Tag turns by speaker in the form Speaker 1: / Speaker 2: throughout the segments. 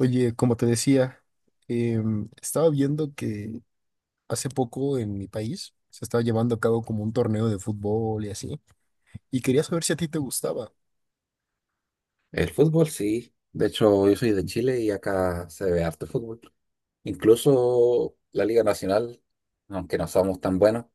Speaker 1: Oye, como te decía, estaba viendo que hace poco en mi país se estaba llevando a cabo como un torneo de fútbol y así, y quería saber si a ti te gustaba.
Speaker 2: El fútbol sí. De hecho, yo soy de Chile y acá se ve harto fútbol. Incluso la Liga Nacional, aunque no somos tan buenos, o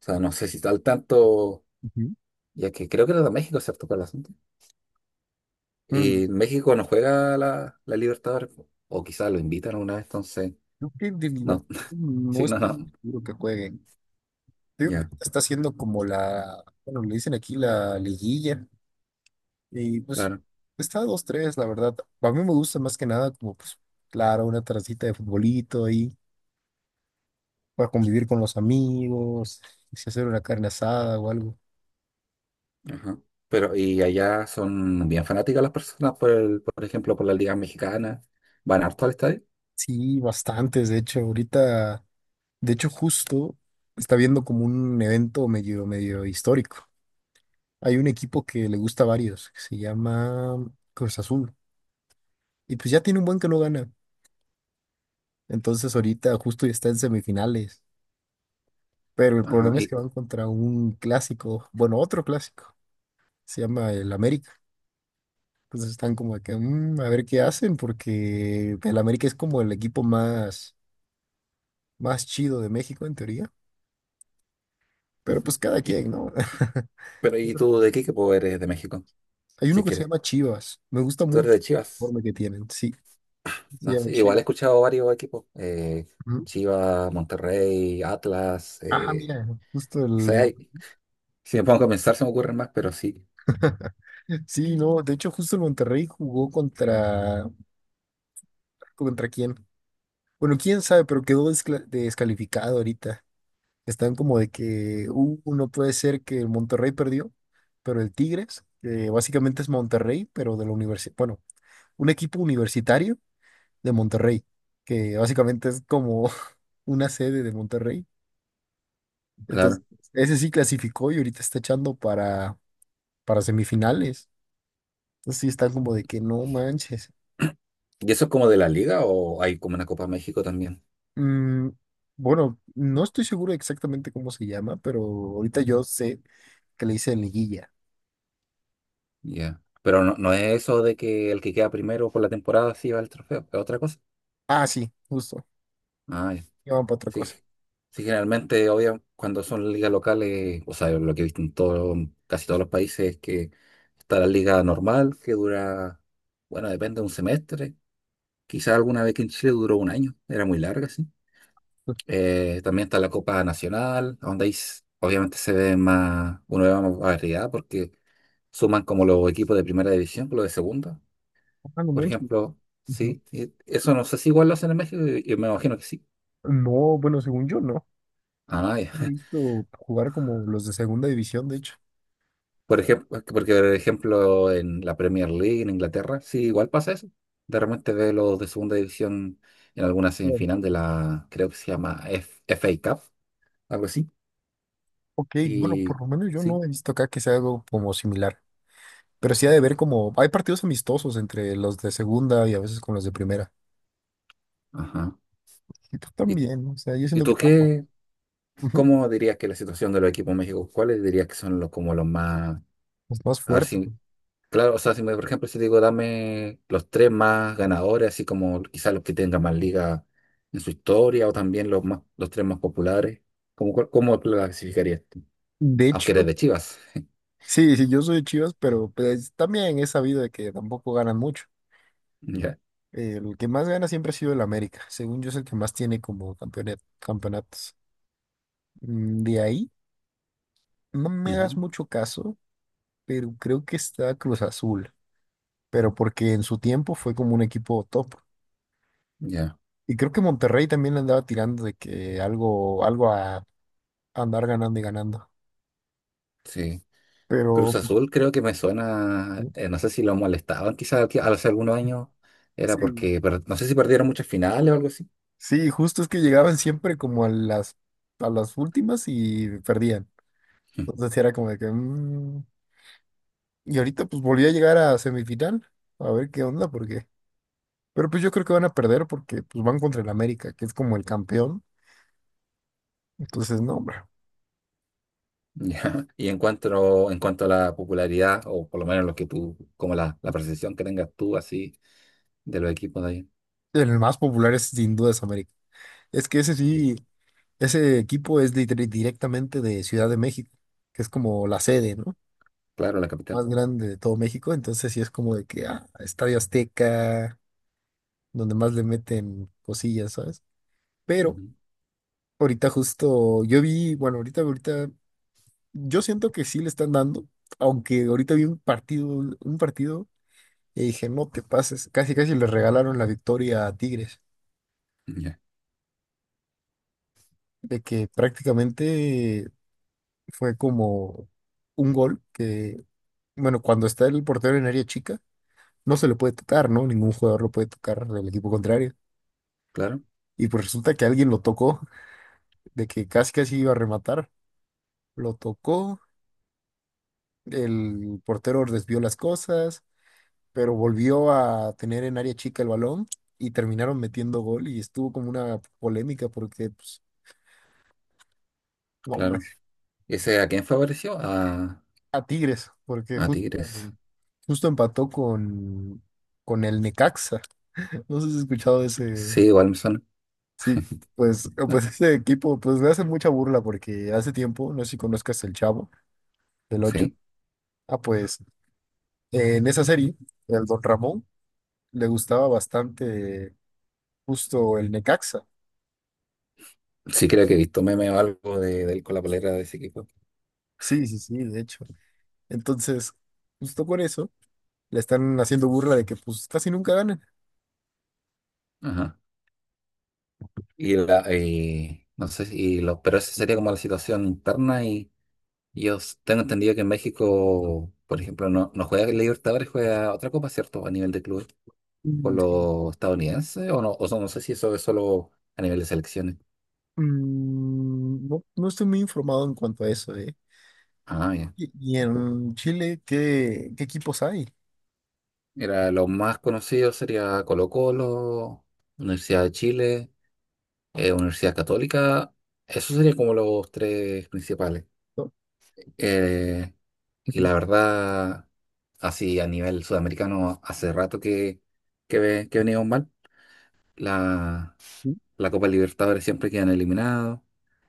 Speaker 2: sea, no sé si está al tanto,
Speaker 1: Ujú.
Speaker 2: ya que creo que era de México, ¿cierto? Para el asunto.
Speaker 1: Mm,
Speaker 2: Y México no juega la Libertadores, po. O quizás lo invitan una vez, entonces,
Speaker 1: Creo que de
Speaker 2: no.
Speaker 1: Libertadores no
Speaker 2: Sí, no,
Speaker 1: estoy
Speaker 2: no.
Speaker 1: muy seguro que jueguen. Creo que
Speaker 2: Ya,
Speaker 1: está haciendo como la, bueno, le dicen aquí la liguilla, y pues
Speaker 2: claro.
Speaker 1: está dos tres, la verdad. A mí me gusta más que nada como, pues, claro, una tardecita de futbolito ahí, para convivir con los amigos, si hacer una carne asada o algo.
Speaker 2: Ajá. Pero, y allá son bien fanáticas las personas, por ejemplo, por la Liga Mexicana. Van harto al estadio.
Speaker 1: Sí, bastantes. De hecho, ahorita, de hecho, justo está viendo como un evento medio, medio histórico. Hay un equipo que le gusta a varios, que se llama Cruz Azul. Y pues ya tiene un buen que no gana. Entonces ahorita justo ya está en semifinales. Pero el
Speaker 2: Ajá.
Speaker 1: problema es que
Speaker 2: Y,
Speaker 1: van contra un clásico, bueno, otro clásico. Se llama el América. Entonces están como de que, "Mm, a ver qué hacen, porque el América es como el equipo más, más chido de México en teoría. Pero
Speaker 2: ujú.
Speaker 1: pues cada quien, ¿no?
Speaker 2: Pero ¿y tú de qué equipo eres de México?
Speaker 1: Hay uno
Speaker 2: Si
Speaker 1: que se
Speaker 2: quieres.
Speaker 1: llama Chivas. Me gusta
Speaker 2: Tú eres
Speaker 1: mucho
Speaker 2: de
Speaker 1: el
Speaker 2: Chivas.
Speaker 1: uniforme que tienen. Sí, se
Speaker 2: No
Speaker 1: llama
Speaker 2: sé, igual he
Speaker 1: Chivas.
Speaker 2: escuchado varios equipos.
Speaker 1: Ujú.
Speaker 2: Chivas, Monterrey, Atlas.
Speaker 1: Ah, mira, justo
Speaker 2: O
Speaker 1: el...
Speaker 2: sea,
Speaker 1: Mon-
Speaker 2: si me pongo a pensar se me ocurren más, pero sí,
Speaker 1: Sí, no, de hecho justo el Monterrey jugó contra... ¿Contra quién? Bueno, quién sabe, pero quedó descalificado ahorita. Están como de que, no puede ser que el Monterrey perdió, pero el Tigres, que básicamente es Monterrey, pero de la universidad, bueno, un equipo universitario de Monterrey, que básicamente es como una sede de Monterrey. Entonces,
Speaker 2: claro.
Speaker 1: ese sí clasificó y ahorita está echando para semifinales. Entonces sí está como de que no manches.
Speaker 2: ¿Y eso es como de la liga o hay como una Copa México también?
Speaker 1: Mm, bueno, no estoy seguro exactamente cómo se llama, pero ahorita yo sé que le hice liguilla.
Speaker 2: Ya. Pero no, no es eso de que el que queda primero por la temporada sí va al trofeo, es otra cosa.
Speaker 1: Ah, sí, justo.
Speaker 2: Ah,
Speaker 1: Llaman para otra
Speaker 2: sí,
Speaker 1: cosa.
Speaker 2: sí, generalmente, obvio, cuando son ligas locales, o sea, lo que he visto en todo, casi todos los países es que está la liga normal, que dura, bueno, depende de un semestre. Quizás alguna vez que en Chile duró un año, era muy larga, sí. También está la Copa Nacional, donde ahí obviamente se ve más, uno ve más variedad porque suman como los equipos de primera división con los de segunda.
Speaker 1: Ah, no
Speaker 2: Por
Speaker 1: manches.
Speaker 2: ejemplo,
Speaker 1: Ujú.
Speaker 2: sí, y eso no sé si igual lo hacen en México, yo me imagino que sí.
Speaker 1: No, bueno, según yo no.
Speaker 2: Ah,
Speaker 1: No he
Speaker 2: ya.
Speaker 1: visto jugar como los de segunda división, de hecho.
Speaker 2: Por ejemplo, porque por ejemplo en la Premier League en Inglaterra, sí, igual pasa eso. De repente ve los de segunda división en alguna
Speaker 1: Bueno,
Speaker 2: semifinal de
Speaker 1: pues,
Speaker 2: la, creo que se llama FA Cup, algo así.
Speaker 1: ok, bueno, por
Speaker 2: Y
Speaker 1: lo menos yo
Speaker 2: sí,
Speaker 1: no he visto acá que sea algo como similar. Pero sí ha de ver como, hay partidos amistosos entre los de segunda y a veces con los de primera.
Speaker 2: ajá.
Speaker 1: Y tú
Speaker 2: ¿Y,
Speaker 1: también, o sea, yo
Speaker 2: y
Speaker 1: siento que
Speaker 2: tú
Speaker 1: está más,
Speaker 2: qué,
Speaker 1: ujú,
Speaker 2: cómo dirías que la situación de los equipos en México? ¿Cuáles dirías que son los como los más,
Speaker 1: es más
Speaker 2: a ver
Speaker 1: fuerte.
Speaker 2: si claro, o sea, si me, por ejemplo, si te digo, dame los tres más ganadores, así como quizás los que tengan más ligas en su historia, o también los más, los tres más populares, ¿cómo, cómo lo clasificarías tú?
Speaker 1: De
Speaker 2: Aunque
Speaker 1: hecho,
Speaker 2: eres de Chivas.
Speaker 1: sí, sí, yo soy de Chivas, pero pues también he sabido de que tampoco ganan mucho.
Speaker 2: Ya.
Speaker 1: El que más gana siempre ha sido el América, según yo es el que más tiene como campeonatos. De ahí, no me hagas
Speaker 2: Ujú,
Speaker 1: mucho caso, pero creo que está Cruz Azul, pero porque en su tiempo fue como un equipo top.
Speaker 2: ya,
Speaker 1: Y creo que Monterrey también le andaba tirando de que algo, algo a andar ganando y ganando.
Speaker 2: sí. Cruz
Speaker 1: Pero pues,
Speaker 2: Azul creo que me suena,
Speaker 1: sí,
Speaker 2: no sé si lo molestaban hace algunos años, era
Speaker 1: sí.
Speaker 2: porque, no sé si perdieron muchas finales o algo así.
Speaker 1: Sí, justo es que llegaban siempre como a las últimas y perdían. Entonces sí era como de que... Y ahorita pues volví a llegar a semifinal, a ver qué onda, porque... Pero pues yo creo que van a perder porque pues van contra el América, que es como el campeón. Entonces, no, hombre.
Speaker 2: Ya. Y en cuanto a la popularidad, o por lo menos lo que tú, como la percepción que tengas tú así de los equipos de allá.
Speaker 1: El más popular es sin duda es América. Es que ese sí, ese equipo es directamente de Ciudad de México, que es como la sede, ¿no?
Speaker 2: Claro, la capital.
Speaker 1: Más grande de todo México, entonces sí es como de que ah, Estadio Azteca, donde más le meten cosillas, ¿sabes? Pero
Speaker 2: Ujú.
Speaker 1: ahorita justo yo vi, bueno, ahorita ahorita yo siento que sí le están dando, aunque ahorita vi un partido y dije, "No te pases", casi casi le regalaron la victoria a Tigres,
Speaker 2: Ya.
Speaker 1: de que prácticamente fue como un gol que bueno, cuando está el portero en área chica, no se le puede tocar, ¿no? Ningún jugador lo puede tocar del equipo contrario.
Speaker 2: Claro,
Speaker 1: Y pues resulta que alguien lo tocó, de que casi casi iba a rematar. Lo tocó, el portero desvió las cosas, pero volvió a tener en área chica el balón y terminaron metiendo gol y estuvo como una polémica porque, pues, no, hombre,
Speaker 2: claro. ¿Ese a quién favoreció?
Speaker 1: a Tigres, porque
Speaker 2: A
Speaker 1: justo,
Speaker 2: Tigres.
Speaker 1: justo empató con el Necaxa. No sé si has escuchado de ese...
Speaker 2: Sí, igual me suena.
Speaker 1: Sí, pues,
Speaker 2: Ah,
Speaker 1: pues ese equipo, pues me hacen mucha burla porque hace tiempo, no sé si conozcas el Chavo del ocho.
Speaker 2: sí.
Speaker 1: Ah, pues en esa serie, el Don Ramón le gustaba bastante justo el Necaxa.
Speaker 2: Sí, creo que he visto meme o algo de él con la polera de ese equipo.
Speaker 1: Sí, sí, sí, de hecho. Entonces, justo por eso, le están haciendo burla de que pues casi nunca ganan.
Speaker 2: Ajá. Y la, y no sé, y lo, pero esa sería como la situación interna y y tengo entendido que en México, por ejemplo, no, no juega el Libertadores, juega otra copa, ¿cierto? A nivel de club con
Speaker 1: Mm, sí.
Speaker 2: los estadounidenses o no, o sea, no sé si eso es solo a nivel de selecciones.
Speaker 1: No, no estoy muy informado en cuanto a eso, ¿eh?
Speaker 2: Ah, ya.
Speaker 1: Y, y en Chile, ¿qué, qué equipos hay?
Speaker 2: Mira, los más conocidos sería Colo-Colo, Universidad de Chile, Universidad Católica. Esos serían como los tres principales.
Speaker 1: ¿No?
Speaker 2: Eh, y
Speaker 1: Ujú.
Speaker 2: la verdad, así a nivel sudamericano, hace rato que, que venimos mal. La, la Copa Libertadores siempre quedan eliminados,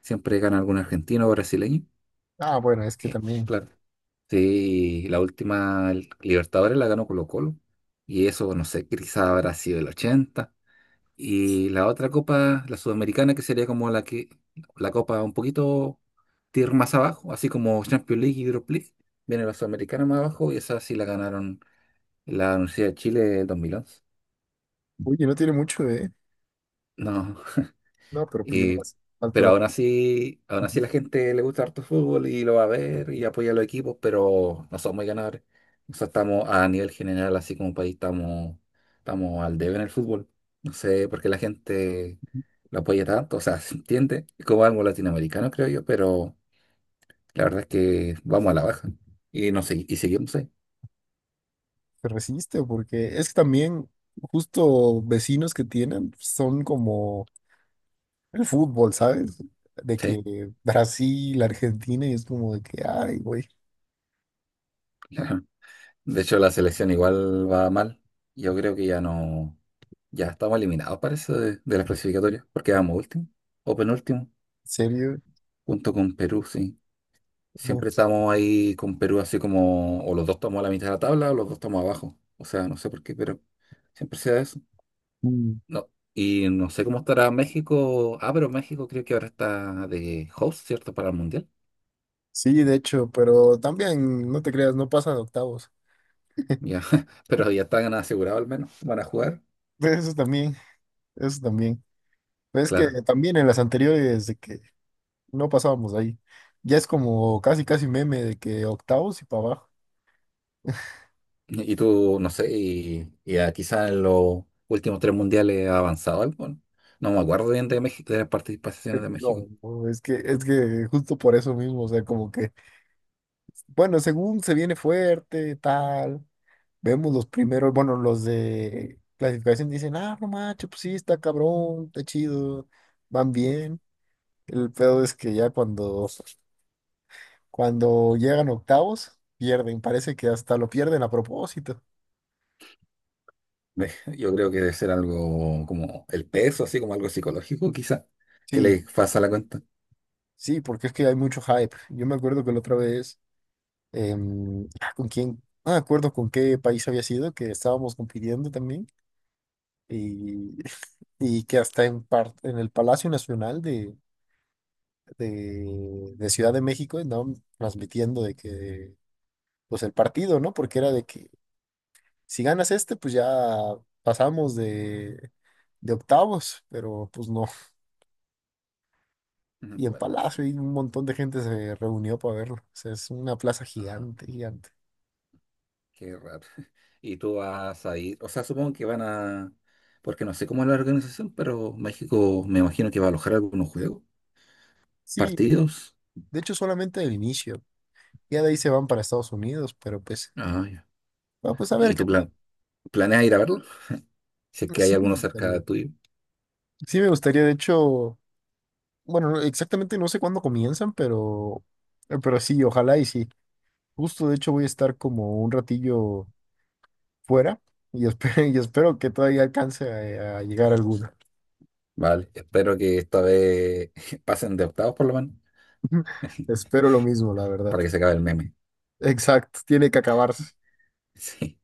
Speaker 2: siempre gana algún argentino o brasileño.
Speaker 1: Ah, bueno, es que
Speaker 2: Eh,
Speaker 1: también.
Speaker 2: claro. Sí, la última Libertadores la ganó Colo-Colo. Y eso, no sé, quizá habrá sido el 80. Y la otra copa, la sudamericana, que sería como la que, la copa un poquito tier más abajo, así como Champions League y Europa League, viene la sudamericana más abajo y esa sí la ganaron la Universidad de Chile en 2011.
Speaker 1: Oye, no tiene mucho, ¿eh?
Speaker 2: No,
Speaker 1: No, pero pues ya
Speaker 2: Y-
Speaker 1: más falta
Speaker 2: pero
Speaker 1: la.
Speaker 2: aún así la gente le gusta harto fútbol y lo va a ver y apoya a los equipos, pero no somos muy ganadores. O sea, estamos a nivel general, así como país, estamos, estamos al debe en el fútbol. No sé por qué la gente lo apoya tanto. O sea, se entiende, es como algo latinoamericano, creo yo, pero la verdad es que vamos a la baja. Y no sé, y seguimos ahí.
Speaker 1: Se resiste, porque es que también justo vecinos que tienen son como el fútbol, ¿sabes? De
Speaker 2: Sí.
Speaker 1: que Brasil, Argentina, y es como de que, ay, güey, ¿en
Speaker 2: De hecho, la selección igual va mal. Yo creo que ya no. Ya estamos eliminados, parece, de las clasificatorias, porque vamos último o penúltimo,
Speaker 1: serio?
Speaker 2: junto con Perú, sí.
Speaker 1: Como,
Speaker 2: Siempre estamos ahí con Perú, así como, o los dos estamos a la mitad de la tabla o los dos estamos abajo. O sea, no sé por qué, pero siempre sea eso.
Speaker 1: mm,
Speaker 2: No. Y no sé cómo estará México. Ah, pero México creo que ahora está de host, ¿cierto? Para el Mundial.
Speaker 1: sí, de hecho, pero también, no te creas, no pasa de octavos.
Speaker 2: Ya, pero ya están asegurados al menos. Van a jugar,
Speaker 1: Eso también, eso también. Pero es que
Speaker 2: claro.
Speaker 1: también en las anteriores de que no pasábamos de ahí, ya es como casi, casi meme de que octavos y para abajo.
Speaker 2: ¿No? Y tú, no sé, y a quizás en los últimos 3 mundiales ha avanzado algo, ¿no? No me acuerdo bien de México, de las participaciones de México.
Speaker 1: No, no, es que justo por eso mismo, o sea, como que bueno, según se viene fuerte, tal, vemos los primeros, bueno, los de clasificación dicen, ah, no macho, pues sí, está cabrón, está chido, van bien. El pedo es que ya cuando, cuando llegan octavos, pierden, parece que hasta lo pierden a propósito.
Speaker 2: Me- Yo creo que debe ser algo como el peso, así como algo psicológico, quizás, que
Speaker 1: Sí,
Speaker 2: le pasa la cuenta.
Speaker 1: sí, porque es que hay mucho hype. Yo me acuerdo que la otra vez, ¿con quién? No me acuerdo con qué país había sido, que estábamos compitiendo también, y, y que hasta en, en el Palacio Nacional de Ciudad de México andaban transmitiendo de que, pues el partido, ¿no? Porque era de que si ganas este, pues ya pasamos de octavos, pero pues no.
Speaker 2: Mm,
Speaker 1: Y en
Speaker 2: bueno,
Speaker 1: Palacio y un montón de gente se reunió para verlo. O sea, es una plaza
Speaker 2: ajá,
Speaker 1: gigante, gigante.
Speaker 2: qué raro. Y tú vas a ir, o sea, supongo que van a, porque no sé cómo es la organización, pero México me imagino que va a alojar algunos juegos,
Speaker 1: Sí,
Speaker 2: partidos.
Speaker 1: de hecho solamente el inicio. Ya de ahí se van para Estados Unidos, pero pues,
Speaker 2: Ah, ya.
Speaker 1: bueno, pues a ver
Speaker 2: ¿Y
Speaker 1: qué
Speaker 2: tú
Speaker 1: tal.
Speaker 2: planeas ir a verlo? Si es que hay
Speaker 1: Sí me
Speaker 2: alguno
Speaker 1: gustaría.
Speaker 2: cerca tuyo.
Speaker 1: Sí me gustaría, de hecho, bueno, no- exactamente no sé cuándo comienzan, pero sí, ojalá y sí. Justo, de hecho, voy a estar como un ratillo fuera y espero, y espero que todavía alcance a llegar alguna.
Speaker 2: Vale, espero que esta vez pasen de octavos por lo menos,
Speaker 1: Espero lo mismo, la verdad.
Speaker 2: para que se acabe el meme.
Speaker 1: Exacto, tiene que acabarse.
Speaker 2: Sí.